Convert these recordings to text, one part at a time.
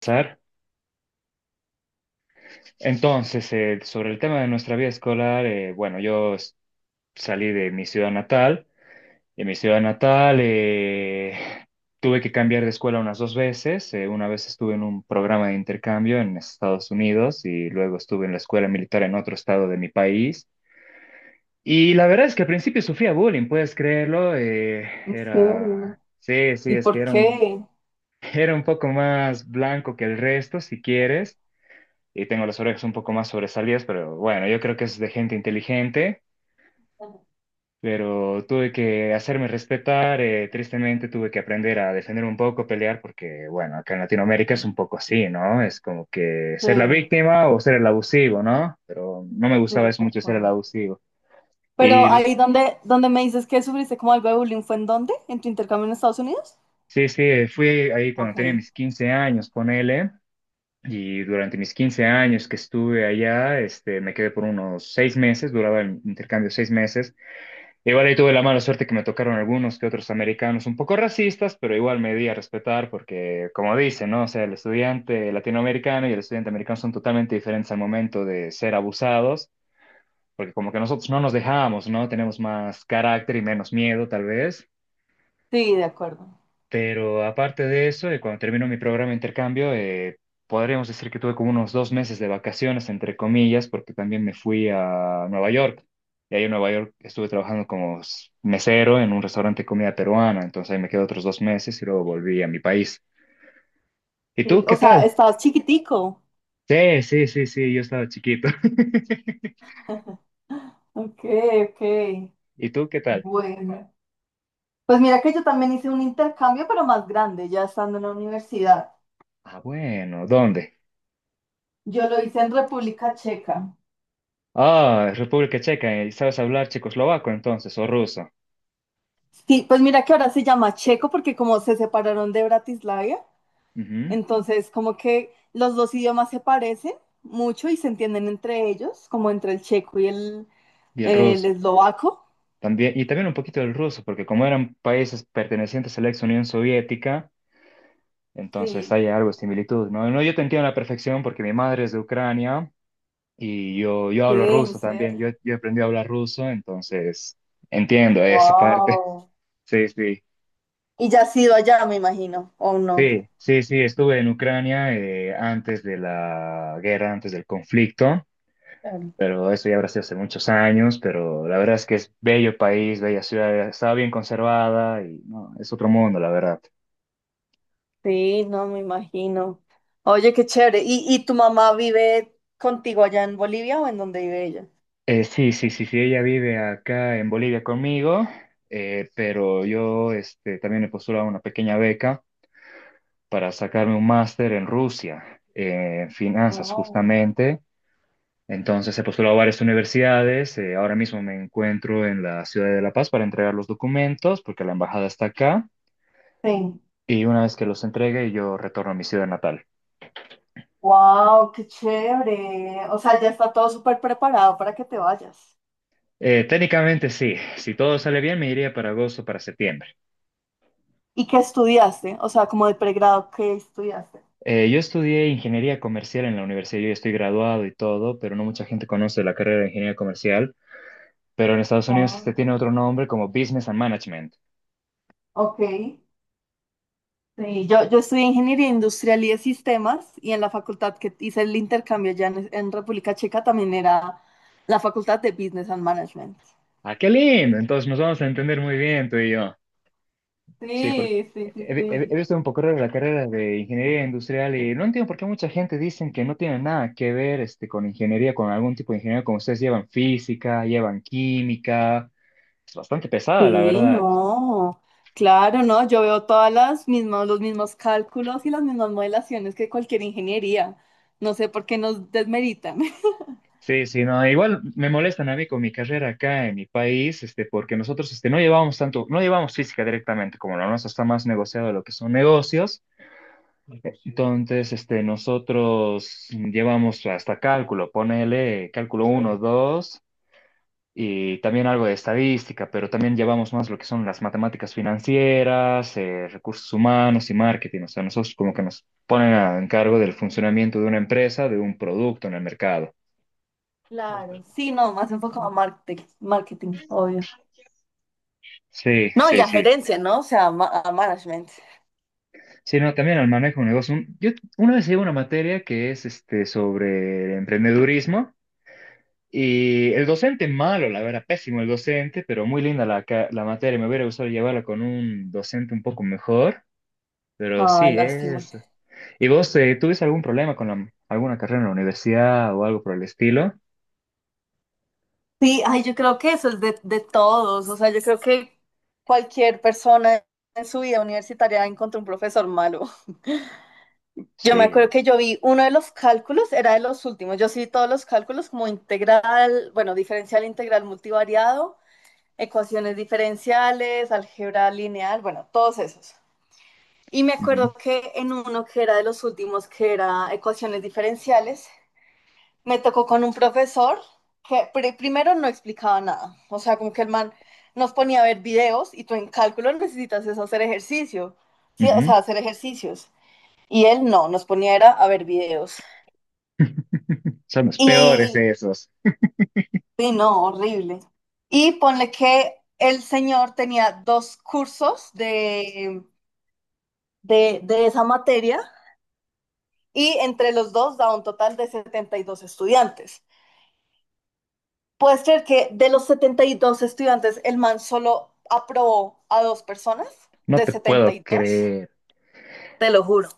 Sar. Entonces, sobre el tema de nuestra vida escolar, bueno, salí de mi ciudad natal. En mi ciudad natal tuve que cambiar de escuela unas dos veces. Una vez estuve en un programa de intercambio en Estados Unidos y luego estuve en la escuela militar en otro estado de mi país. Y la verdad es que al principio sufría bullying, puedes creerlo. ¿En era, serio? sí, sí, ¿Y es que por era un, qué? era un poco más blanco que el resto, si quieres. Y tengo las orejas un poco más sobresalidas, pero bueno, yo creo que es de gente inteligente, Sí, pero tuve que hacerme respetar, tristemente tuve que aprender a defender un poco, pelear, porque bueno, acá en Latinoamérica es un poco así, ¿no? Es como que ser la sí, víctima o ser el abusivo, ¿no? Pero no me gustaba de eso mucho ser el acuerdo. abusivo. Pero Y lo- ahí donde me dices que sufriste como algo de bullying, ¿fue en dónde? ¿En tu intercambio en Estados Unidos? sí, sí, fui ahí cuando Ok. tenía mis 15 años, ponele. Y durante mis 15 años que estuve allá, me quedé por unos 6 meses, duraba el intercambio 6 meses. Igual ahí tuve la mala suerte que me tocaron algunos que otros americanos un poco racistas, pero igual me di a respetar porque, como dicen, ¿no? O sea, el estudiante latinoamericano y el estudiante americano son totalmente diferentes al momento de ser abusados, porque como que nosotros no nos dejamos, ¿no? Tenemos más carácter y menos miedo, tal vez. Sí, de acuerdo. Pero aparte de eso, cuando terminó mi programa de intercambio, podríamos decir que tuve como unos 2 meses de vacaciones, entre comillas, porque también me fui a Nueva York. Y ahí en Nueva York estuve trabajando como mesero en un restaurante de comida peruana. Entonces ahí me quedé otros 2 meses y luego volví a mi país. ¿Y tú Sí, o qué sea, tal? estabas chiquitico. Sí, sí, sí, sí, yo estaba chiquito. Ok, ok. ¿Y tú qué tal? Bueno. Pues mira que yo también hice un intercambio, pero más grande, ya estando en la universidad. Ah, bueno, ¿dónde? Yo lo hice en República Checa. Ah, República Checa. ¿Y sabes hablar checoslovaco entonces o ruso? Sí, pues mira que ahora se llama Checo porque como se separaron de Bratislava. Ujú. Entonces, como que los dos idiomas se parecen mucho y se entienden entre ellos, como entre el checo y el, ¿Y el el ruso? eslovaco. También, y también un poquito del ruso, porque como eran países pertenecientes a la ex Unión Soviética, entonces Sí, hay algo de similitud, ¿no? No, yo te entiendo a la perfección porque mi madre es de Ucrania y yo sí, hablo en ruso también, serio. yo aprendí a hablar ruso, entonces entiendo esa parte. Wow. Sí, sí, Y ya has ido allá, me imagino, ¿o no? sí, sí, sí, estuve en Ucrania antes de la guerra, antes del conflicto, Claro. pero eso ya habrá sido hace muchos años, pero la verdad es que es bello país, bella ciudad, está bien conservada y no, es otro mundo, la verdad. Sí, no, me imagino. Oye, qué chévere. ¿Y tu mamá vive contigo allá en Bolivia o en dónde vive ella? Sí, sí, sí, sí, ella vive acá en Bolivia conmigo, pero yo también me postulé a una pequeña beca para sacarme un máster en Rusia, en finanzas Oh, justamente. Entonces he postulado a varias universidades, ahora mismo me encuentro en la ciudad de La Paz para entregar los documentos porque la embajada está acá sí. y una vez que los entregue yo retorno a mi ciudad natal. Wow, qué chévere. O sea, ya está todo súper preparado para que te vayas. Técnicamente sí, si todo sale bien me iría para agosto, para septiembre. ¿Y qué estudiaste? O sea, como de pregrado, ¿qué estudiaste? Yo estudié ingeniería comercial en la universidad, yo ya estoy graduado y todo, pero no mucha gente conoce la carrera de ingeniería comercial, pero en Estados Unidos Oh, tiene otro nombre como Business and Management. ok. Sí, yo estudié ingeniería industrial y de sistemas, y en la facultad que hice el intercambio ya en República Checa también era la facultad de Business and Management. ¡Ah, qué lindo! Entonces nos vamos a entender muy bien tú y yo. Sí, porque Sí, sí, sí, he sí. visto un poco raro la carrera de ingeniería industrial y no entiendo por qué mucha gente dicen que no tiene nada que ver con ingeniería, con algún tipo de ingeniería, como ustedes llevan física, llevan química. Es bastante pesada, la Sí, verdad. no. Claro, no. Yo veo todas las mismas, los mismos cálculos y las mismas modelaciones que cualquier ingeniería. No sé por qué nos desmeritan. Sí, sí, no, igual me molestan a mí con mi carrera acá en mi país, porque nosotros, no llevamos tanto, no llevamos física directamente, como la nuestra está más negociado lo que son negocios, entonces, nosotros llevamos hasta cálculo, ponele cálculo uno, 2 y también algo de estadística, pero también llevamos más lo que son las matemáticas financieras, recursos humanos y marketing, o sea, nosotros como que nos ponen a encargo del funcionamiento de una empresa, de un producto en el mercado. Claro, sí, no, más enfocado a marketing, marketing, obvio. Sí, No, y sí, a sí. gerencia, ¿no? O sea, a, a management. Sí, no, también al manejo de negocio. Yo una vez llevo una materia que es sobre emprendedurismo y el docente malo, la verdad, pésimo el docente, pero muy linda la materia. Me hubiera gustado llevarla con un docente un poco mejor, pero Ah, sí, lástima. es. ¿Y vos tuviste algún problema con alguna carrera en la universidad o algo por el estilo? Sí, ay, yo creo que eso es de todos. O sea, yo creo que cualquier persona en su vida universitaria encontró un profesor malo. Yo me acuerdo Sí. que yo vi uno de los cálculos, era de los últimos. Yo sí vi todos los cálculos como integral, bueno, diferencial, integral, multivariado, ecuaciones diferenciales, álgebra lineal, bueno, todos esos. Y me Ujú, acuerdo que en uno que era de los últimos, que era ecuaciones diferenciales, me tocó con un profesor que primero no explicaba nada. O sea, como que el man nos ponía a ver videos y tú en cálculo necesitas es hacer ejercicio. Sí, o ujú. sea, hacer ejercicios. Y él no, nos ponía era a ver videos. Son los peores Y, esos. y no, horrible. Y ponle que el señor tenía dos cursos de esa materia, y entre los dos da un total de 72 estudiantes. ¿Puedes creer que de los 72 estudiantes, el man solo aprobó a dos personas No de te setenta y puedo dos. creer. Te lo juro.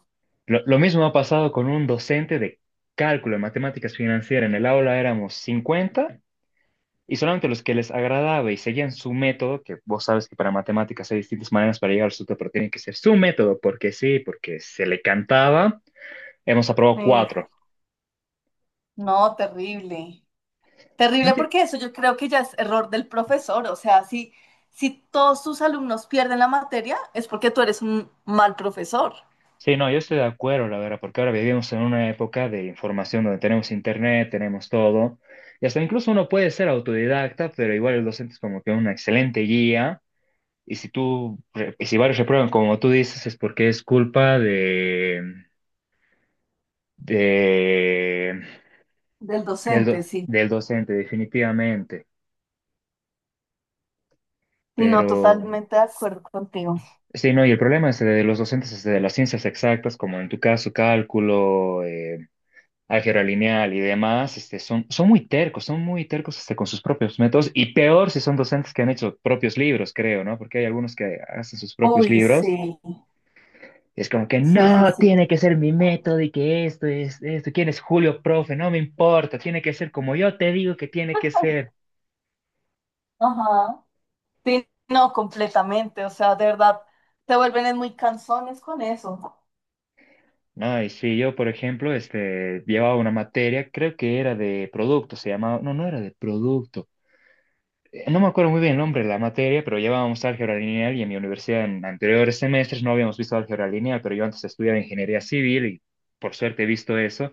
Lo mismo ha pasado con un docente de cálculo de matemáticas financieras. En el aula éramos 50 y solamente los que les agradaba y seguían su método, que vos sabes que para matemáticas hay distintas maneras para llegar al resultado, pero tiene que ser su método, porque sí, porque se le cantaba, hemos aprobado Sí. cuatro. No, terrible. ¿No Terrible, enti- porque eso yo creo que ya es error del profesor. O sea, si todos tus alumnos pierden la materia, es porque tú eres un mal profesor. Sí, no, yo estoy de acuerdo, la verdad, porque ahora vivimos en una época de información donde tenemos internet, tenemos todo, y hasta incluso uno puede ser autodidacta, pero igual el docente es como que una excelente guía. Y si tú, y si varios reprueban, como tú dices, es porque es culpa de, Del del, do- docente, sí. del docente, definitivamente. Sí, Pero no, totalmente de acuerdo contigo. sí, no, y el problema es de los docentes es de las ciencias exactas, como en tu caso, cálculo, álgebra lineal y demás, son muy tercos, son muy tercos hasta con sus propios métodos, y peor si son docentes que han hecho propios libros, creo, ¿no? Porque hay algunos que hacen sus propios Uy, libros. sí, Y es como que sí, sí, no, sí. tiene que ser mi método y que esto es esto. ¿Quién es Julio, profe? No me importa, tiene que ser como yo te digo que tiene que ser. Ajá. Sí, no, completamente. O sea, de verdad, te vuelven muy cansones con eso. No y sí, yo, por ejemplo, llevaba una materia, creo que era de producto, se llamaba, no, no era de producto. No me acuerdo muy bien el nombre de la materia, pero llevábamos álgebra lineal y en mi universidad en anteriores semestres no habíamos visto álgebra lineal, pero yo antes estudiaba ingeniería civil y por suerte he visto eso.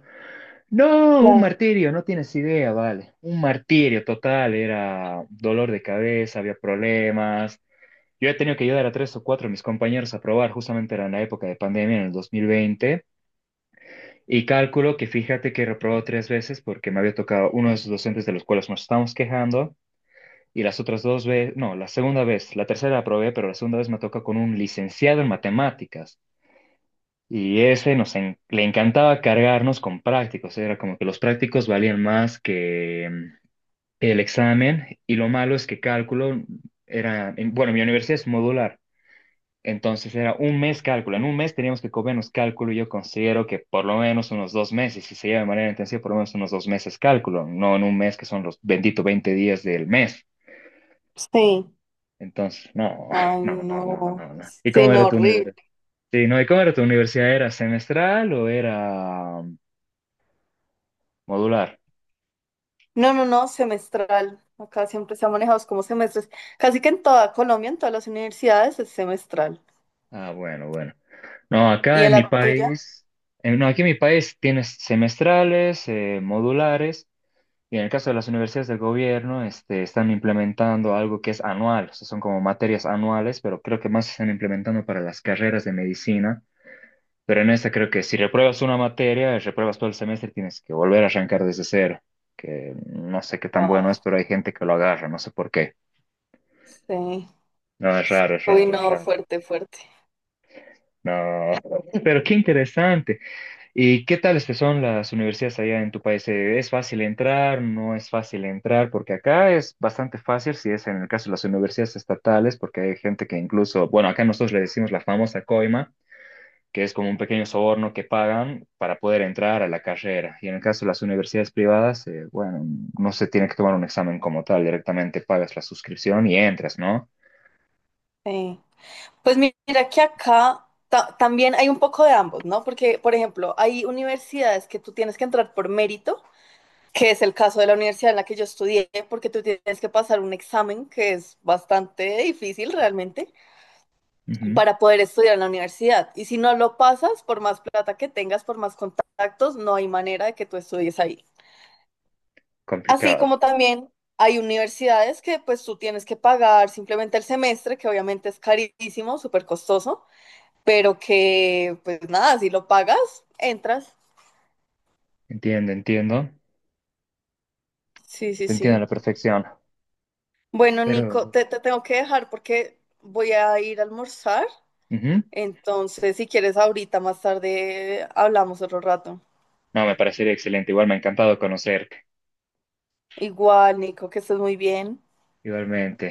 No, un Claro. martirio, no tienes idea, vale. Un martirio total, era dolor de cabeza, había problemas. Yo he tenido que ayudar a tres o cuatro de mis compañeros a probar, justamente era en la época de pandemia, en el 2020, y cálculo que fíjate que he reprobado tres veces porque me había tocado uno de esos docentes de los cuales nos estábamos quejando, y las otras dos veces, no, la segunda vez, la tercera la aprobé, pero la segunda vez me toca con un licenciado en matemáticas. Y ese le encantaba cargarnos con prácticos, era como que los prácticos valían más que el examen y lo malo es que cálculo era, bueno, mi universidad es modular, entonces era un mes cálculo, en un mes teníamos que comernos cálculo y yo considero que por lo menos unos 2 meses, si se lleva de manera intensiva, por lo menos unos dos meses cálculo, no en un mes que son los benditos 20 días del mes. Sí. Entonces, no, Ay, no, no, no, no. no, no. ¿Y Sí, cómo no, era tu horrible. universidad? Sí, no, ¿y cómo era tu universidad? ¿Era semestral o era...? Modular. No, no, no, semestral. Acá siempre se ha manejado es como semestres. Casi que en toda Colombia, en todas las universidades, es semestral. Ah, bueno, bueno. No, ¿Y acá en en mi la tuya? país, no, aquí en mi país tienes semestrales, modulares, y en el caso de las universidades del gobierno, están implementando algo que es anual, o sea, son como materias anuales, pero creo que más se están implementando para las carreras de medicina. Pero en esta creo que si repruebas una materia, repruebas todo el semestre, tienes que volver a arrancar desde cero, que no sé qué tan bueno es, Wow. pero hay gente que lo agarra, no sé por qué. Sí. No, es raro, es Uy, raro, es no, raro. fuerte, fuerte. No, pero qué interesante. ¿Y qué tales que son las universidades allá en tu país? ¿Es fácil entrar? ¿No es fácil entrar? Porque acá es bastante fácil si es en el caso de las universidades estatales, porque hay gente que incluso, bueno, acá nosotros le decimos la famosa coima, que es como un pequeño soborno que pagan para poder entrar a la carrera. Y en el caso de las universidades privadas, bueno, no se tiene que tomar un examen como tal, directamente pagas la suscripción y entras, ¿no? Sí. Pues mira que acá también hay un poco de ambos, ¿no? Porque, por ejemplo, hay universidades que tú tienes que entrar por mérito, que es el caso de la universidad en la que yo estudié, porque tú tienes que pasar un examen que es bastante difícil realmente Ujú, para poder estudiar en la universidad. Y si no lo pasas, por más plata que tengas, por más contactos, no hay manera de que tú estudies ahí. Así complicado. como también hay universidades que pues tú tienes que pagar simplemente el semestre, que obviamente es carísimo, súper costoso, pero que pues nada, si lo pagas, entras. Entiendo, entiendo. Sí, sí, Te entiendo a sí. la perfección. Bueno, Nico, Pero... te tengo que dejar porque voy a ir a almorzar. ujú. Entonces, si quieres, ahorita más tarde hablamos otro rato. No, me parecería excelente. Igual me ha encantado conocerte. Igual, Nico, que estés muy bien. Igualmente.